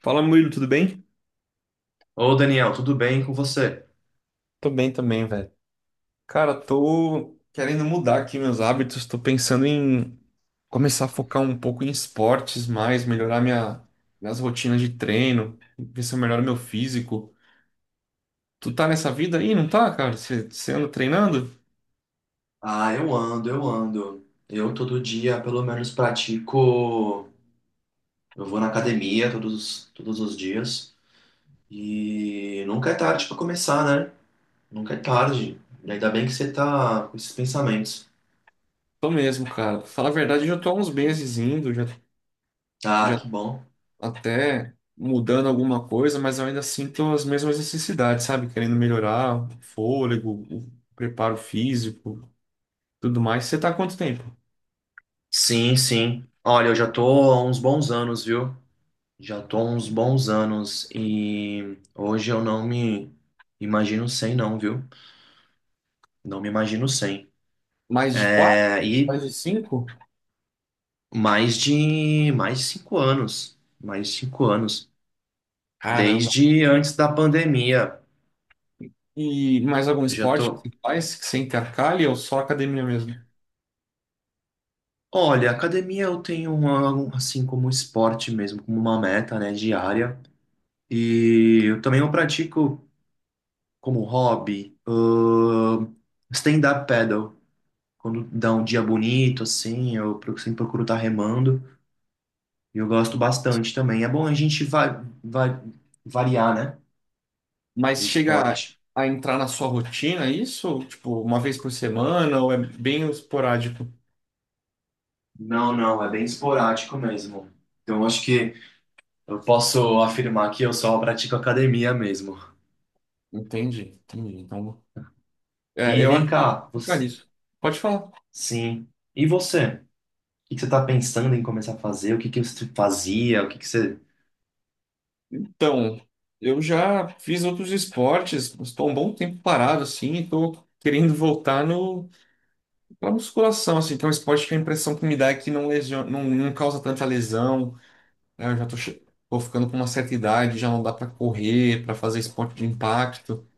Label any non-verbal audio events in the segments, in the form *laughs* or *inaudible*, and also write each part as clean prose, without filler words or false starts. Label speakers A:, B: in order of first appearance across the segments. A: Fala, Murilo, tudo bem?
B: Ô Daniel, tudo bem com você?
A: Tô bem também, velho. Cara, tô querendo mudar aqui meus hábitos, tô pensando em começar a focar um pouco em esportes mais, melhorar minhas rotinas de treino, ver se eu melhoro meu físico. Tu tá nessa vida aí, não tá, cara? Você anda treinando?
B: Ah, eu ando, eu ando. Eu todo dia, pelo menos, pratico. Eu vou na academia todos, todos os dias. E nunca é tarde para começar, né? Nunca é tarde. E ainda bem que você tá com esses pensamentos.
A: Tô mesmo, cara. Fala a verdade, eu já tô há uns meses indo, já,
B: Ah,
A: já
B: que bom.
A: até mudando alguma coisa, mas eu ainda sinto as mesmas necessidades, sabe? Querendo melhorar o fôlego, o preparo físico. Tudo mais. Você tá há quanto tempo?
B: Sim, sim. Olha, eu já tô há uns bons anos, viu? Já tô há uns bons anos e hoje eu não me imagino sem, não, viu? Não me imagino sem.
A: Mais de quatro?
B: É, e
A: Mais de cinco?
B: mais de 5 anos, mais de cinco anos,
A: Caramba.
B: desde antes da pandemia.
A: E mais algum
B: Eu já
A: esporte que
B: tô.
A: você faz que você intercalha ou só academia mesmo?
B: Olha, academia eu tenho uma, assim como esporte mesmo, como uma meta, né, diária. E eu também eu pratico como hobby, stand-up paddle. Quando dá um dia bonito, assim, eu sempre procuro estar remando. E eu gosto bastante também. É bom a gente va va variar, né, o
A: Mas chega
B: esporte.
A: a entrar na sua rotina isso? Tipo, uma vez por semana ou é bem esporádico?
B: Não, não, é bem esporádico mesmo. Então, eu acho que eu posso afirmar que eu só pratico academia mesmo.
A: Entendi, entendi. Então, é,
B: E
A: eu
B: vem
A: acho que eu vou
B: cá,
A: ficar
B: você...
A: nisso. Pode falar.
B: sim. E você? O que que você está pensando em começar a fazer? O que que você fazia? O que que você...
A: Então, eu já fiz outros esportes, estou um bom tempo parado assim e tô querendo voltar no pela musculação, assim, que é um esporte que a impressão que me dá é que não, não causa tanta lesão, né? Eu já tô ficando com uma certa idade, já não dá para correr, para fazer esporte de impacto.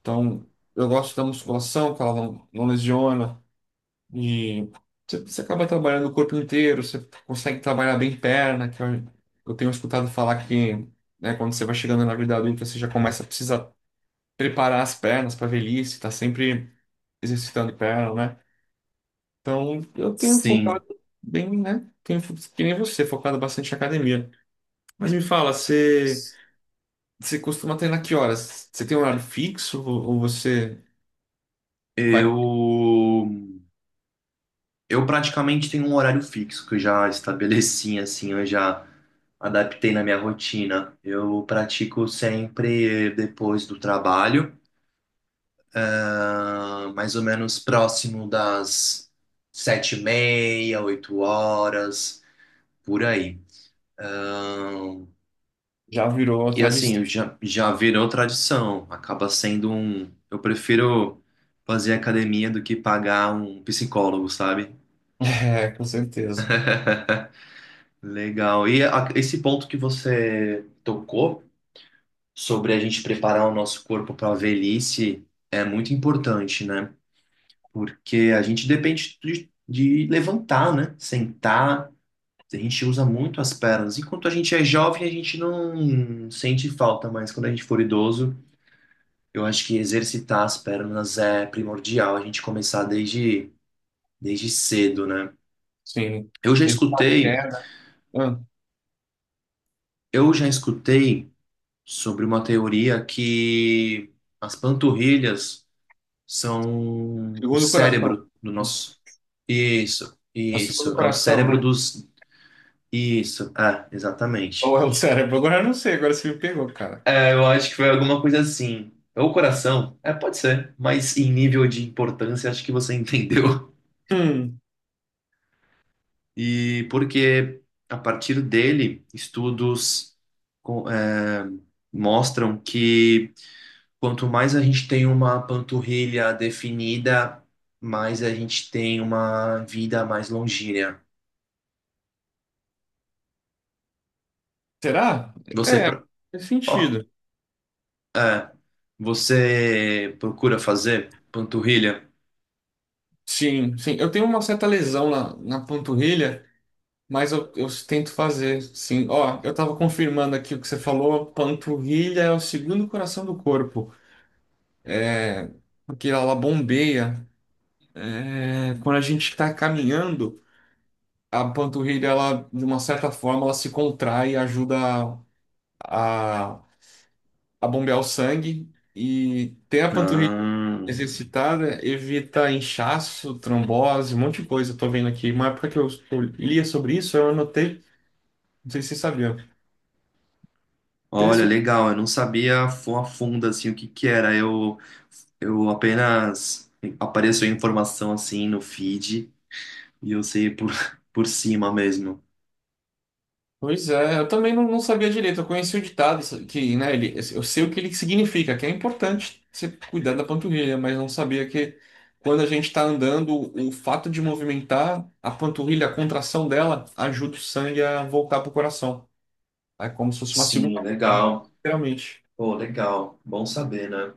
A: Então, eu gosto da musculação, que ela não, não lesiona. E você acaba trabalhando o corpo inteiro, você consegue trabalhar bem perna, eu tenho escutado falar que, né, quando você vai chegando na vida adulta, você já começa a precisar preparar as pernas para velhice, tá sempre exercitando perna, né? Então, eu tenho
B: Sim,
A: focado bem, né? Que nem você, focado bastante em academia. Mas me fala, você costuma treinar que horas? Você tem um horário fixo ou você vai,
B: eu... Eu praticamente tenho um horário fixo que eu já estabeleci, assim, eu já adaptei na minha rotina. Eu pratico sempre depois do trabalho. Ah, mais ou menos próximo das 7:30, 8 horas, por aí. Ah,
A: já virou uma
B: e
A: tradição?
B: assim,
A: *laughs*
B: já, já virou tradição, acaba sendo um. Eu prefiro fazer academia do que pagar um psicólogo, sabe?
A: É, com certeza.
B: *laughs* Legal. E esse ponto que você tocou sobre a gente preparar o nosso corpo para a velhice é muito importante, né? Porque a gente depende de levantar, né? Sentar. A gente usa muito as pernas. Enquanto a gente é jovem, a gente não sente falta, mas quando a gente for idoso, eu acho que exercitar as pernas é primordial, a gente começar desde cedo, né?
A: Sim.
B: Eu já
A: Evitar
B: escutei,
A: queda. Ah,
B: eu já escutei sobre uma teoria que as panturrilhas são o
A: segundo o coração.
B: cérebro do
A: Os-
B: nosso. Isso,
A: A segundo o
B: isso. É o
A: coração,
B: cérebro
A: né?
B: dos. Isso, ah,
A: Ou
B: exatamente.
A: é o cérebro? Agora eu não sei, agora você me pegou, cara.
B: É, eu acho que foi alguma coisa assim. Ou coração, é, pode ser, mas em nível de importância, acho que você *laughs* entendeu.
A: Hum,
B: E porque a partir dele, estudos com- é, mostram que quanto mais a gente tem uma panturrilha definida, mais a gente tem uma vida mais longínea.
A: será?
B: Você,
A: É,
B: pro-
A: faz
B: ó,
A: sentido.
B: é, você procura fazer panturrilha?
A: Sim, sim. Eu tenho uma certa lesão na, na panturrilha. Mas eu tento fazer, sim. Ó, eu tava confirmando aqui o que você falou, panturrilha é o segundo coração do corpo, é, porque ela bombeia. É, quando a gente está caminhando, a panturrilha, ela, de uma certa forma, ela se contrai e ajuda a, a bombear o sangue. E ter a panturrilha
B: Ah.
A: exercitada evita inchaço, trombose, um monte de coisa. Eu tô vendo aqui. Uma época que eu lia sobre isso, eu anotei, não sei se você sabia.
B: Olha,
A: Pelo
B: legal, eu não sabia a fundo assim o que que era. Eu apenas apareceu informação assim no feed e eu sei por *laughs* por cima mesmo.
A: pois é, eu também não, não sabia direito. Eu conheci o ditado isso- que, né, ele, eu sei o que ele significa, que é importante você cuidar da panturrilha, mas não sabia que quando a gente está andando, o fato de movimentar a panturrilha, a contração dela, ajuda o sangue a voltar para o coração. É como se fosse uma
B: Sim,
A: segunda bomba,
B: legal.
A: literalmente.
B: Pô, legal. Bom saber, né?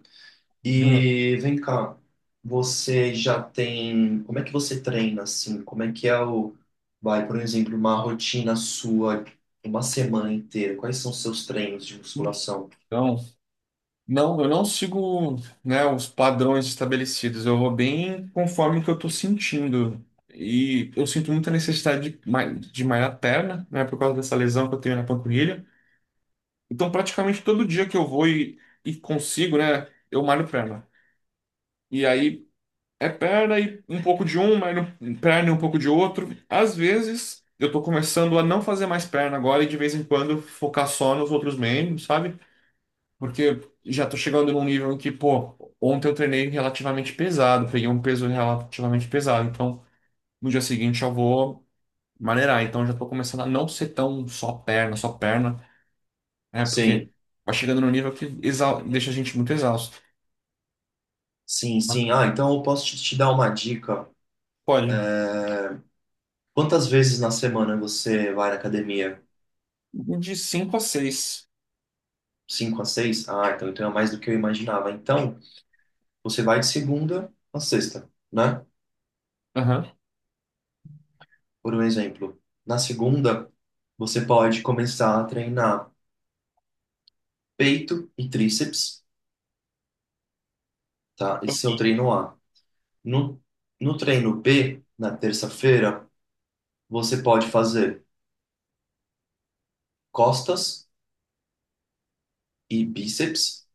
B: E vem cá, você já tem, como é que você treina assim? Como é que é o, vai, por exemplo, uma rotina sua, uma semana inteira? Quais são os seus treinos de musculação?
A: Então, não, eu não sigo, né, os padrões estabelecidos. Eu vou bem conforme o que eu estou sentindo. E eu sinto muita necessidade de malhar a perna, né, por causa dessa lesão que eu tenho na panturrilha. Então, praticamente todo dia que eu e consigo, né, eu malho perna. E aí é perna e um pouco de malho perna e um pouco de outro. Às vezes eu tô começando a não fazer mais perna agora e de vez em quando focar só nos outros membros, sabe? Porque já tô chegando num nível em que, pô, ontem eu treinei relativamente pesado, peguei um peso relativamente pesado. Então, no dia seguinte eu vou maneirar. Então, já tô começando a não ser tão só perna, né? Porque
B: Sim,
A: vai chegando num nível que deixa a gente muito exausto.
B: sim, sim. Ah, então eu posso te dar uma dica.
A: Pode.
B: Quantas vezes na semana você vai na academia?
A: De cinco a seis.
B: Cinco a seis? Ah, então, é mais do que eu imaginava. Então, você vai de segunda a sexta, né?
A: Aham.
B: Por um exemplo. Na segunda, você pode começar a treinar peito e tríceps, tá? Esse é o treino A. No, no treino B, na terça-feira, você pode fazer costas e bíceps.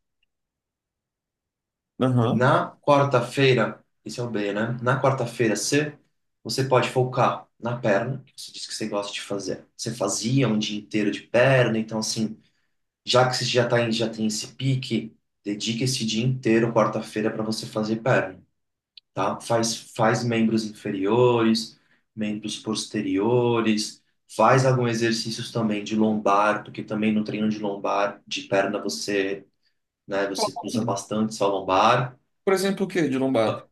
A: Aham.
B: Na quarta-feira, esse é o B, né? Na quarta-feira, C, você pode focar na perna, que você disse que você gosta de fazer. Você fazia um dia inteiro de perna, então assim, já que você já tá em, já tem esse pique, dedica esse dia inteiro, quarta-feira, para você fazer perna, tá? Faz, faz membros inferiores, membros posteriores, faz alguns exercícios também de lombar, porque também no treino de lombar, de perna, você, né, você usa bastante só lombar.
A: Por exemplo, o que de lombar?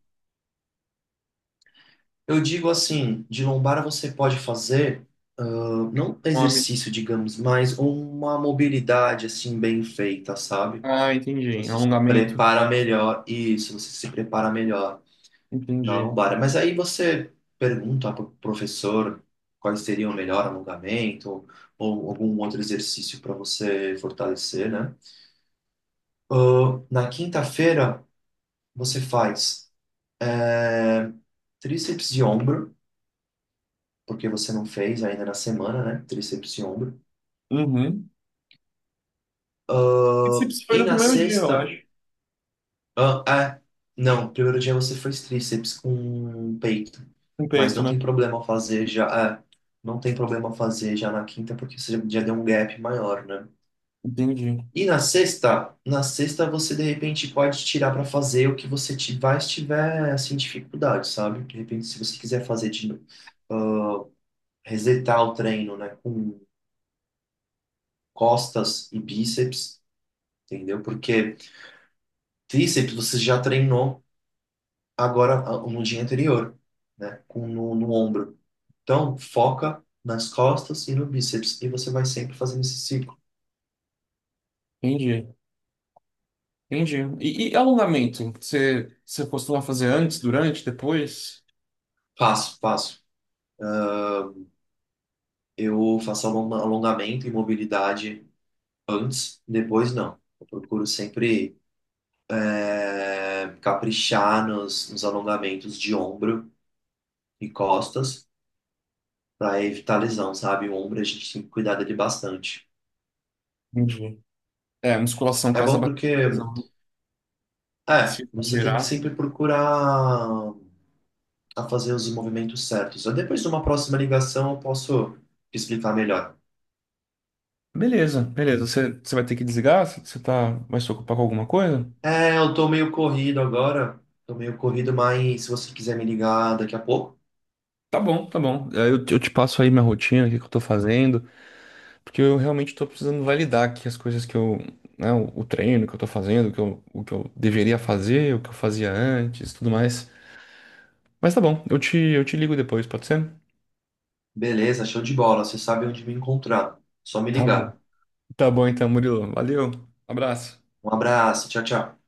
B: Eu digo assim, de lombara você pode fazer, ah, não
A: Nome.
B: exercício, digamos, mas uma mobilidade assim bem feita, sabe?
A: Ah, entendi.
B: Você se
A: Alongamento.
B: prepara melhor, isso, você se prepara melhor na
A: Entendi.
B: lombar. Mas aí você pergunta para o professor quais seriam o melhor alongamento ou algum outro exercício para você fortalecer, né? Ah, na quinta-feira você faz eh, tríceps de ombro. Porque você não fez ainda na semana, né? Tríceps e ombro.
A: Uhum.
B: Ah,
A: Bíceps foi
B: e
A: no
B: na
A: primeiro dia, eu
B: sexta,
A: acho.
B: ah, é, não, primeiro dia você fez tríceps com peito,
A: Com
B: mas
A: peito,
B: não
A: né?
B: tem problema fazer já, é, não tem problema fazer já na quinta, porque você já deu um gap maior, né?
A: Entendi.
B: E na sexta você de repente pode tirar para fazer o que você tiver, tiver assim dificuldade, sabe? De repente, se você quiser fazer de novo, resetar o treino, né, com costas e bíceps, entendeu? Porque tríceps você já treinou agora no dia anterior, né? Com, no ombro. Então, foca nas costas e no bíceps. E você vai sempre fazendo esse ciclo.
A: Entendi, entendi. E alongamento? Você costuma fazer antes, durante, depois?
B: Passo, passo. Eu faço alongamento e mobilidade antes, depois não. Eu procuro sempre caprichar nos alongamentos de ombro e costas para evitar lesão, sabe? O ombro a gente tem que cuidar dele bastante.
A: Entendi. É, musculação
B: É
A: causa
B: bom
A: bastante
B: porque,
A: lesão. Se
B: você tem que
A: gerar.
B: sempre procurar a fazer os movimentos certos. Eu, depois de uma próxima ligação eu posso te explicar melhor.
A: Beleza, beleza. Você vai ter que desligar? Você tá, vai se ocupar com alguma coisa?
B: É, eu tô meio corrido agora, tô meio corrido, mas se você quiser me ligar daqui a pouco,
A: Tá bom, tá bom. É, eu, eu te passo aí minha rotina, o que que eu tô fazendo, porque eu realmente tô precisando validar aqui as coisas que eu, né, o treino que eu tô fazendo, o que o que eu deveria fazer, o que eu fazia antes, tudo mais. Mas tá bom, eu eu te ligo depois, pode ser?
B: beleza. Show de bola, você sabe onde me encontrar. Só me
A: Tá bom.
B: ligar.
A: Tá bom então, Murilo. Valeu. Abraço.
B: Um abraço, tchau, tchau.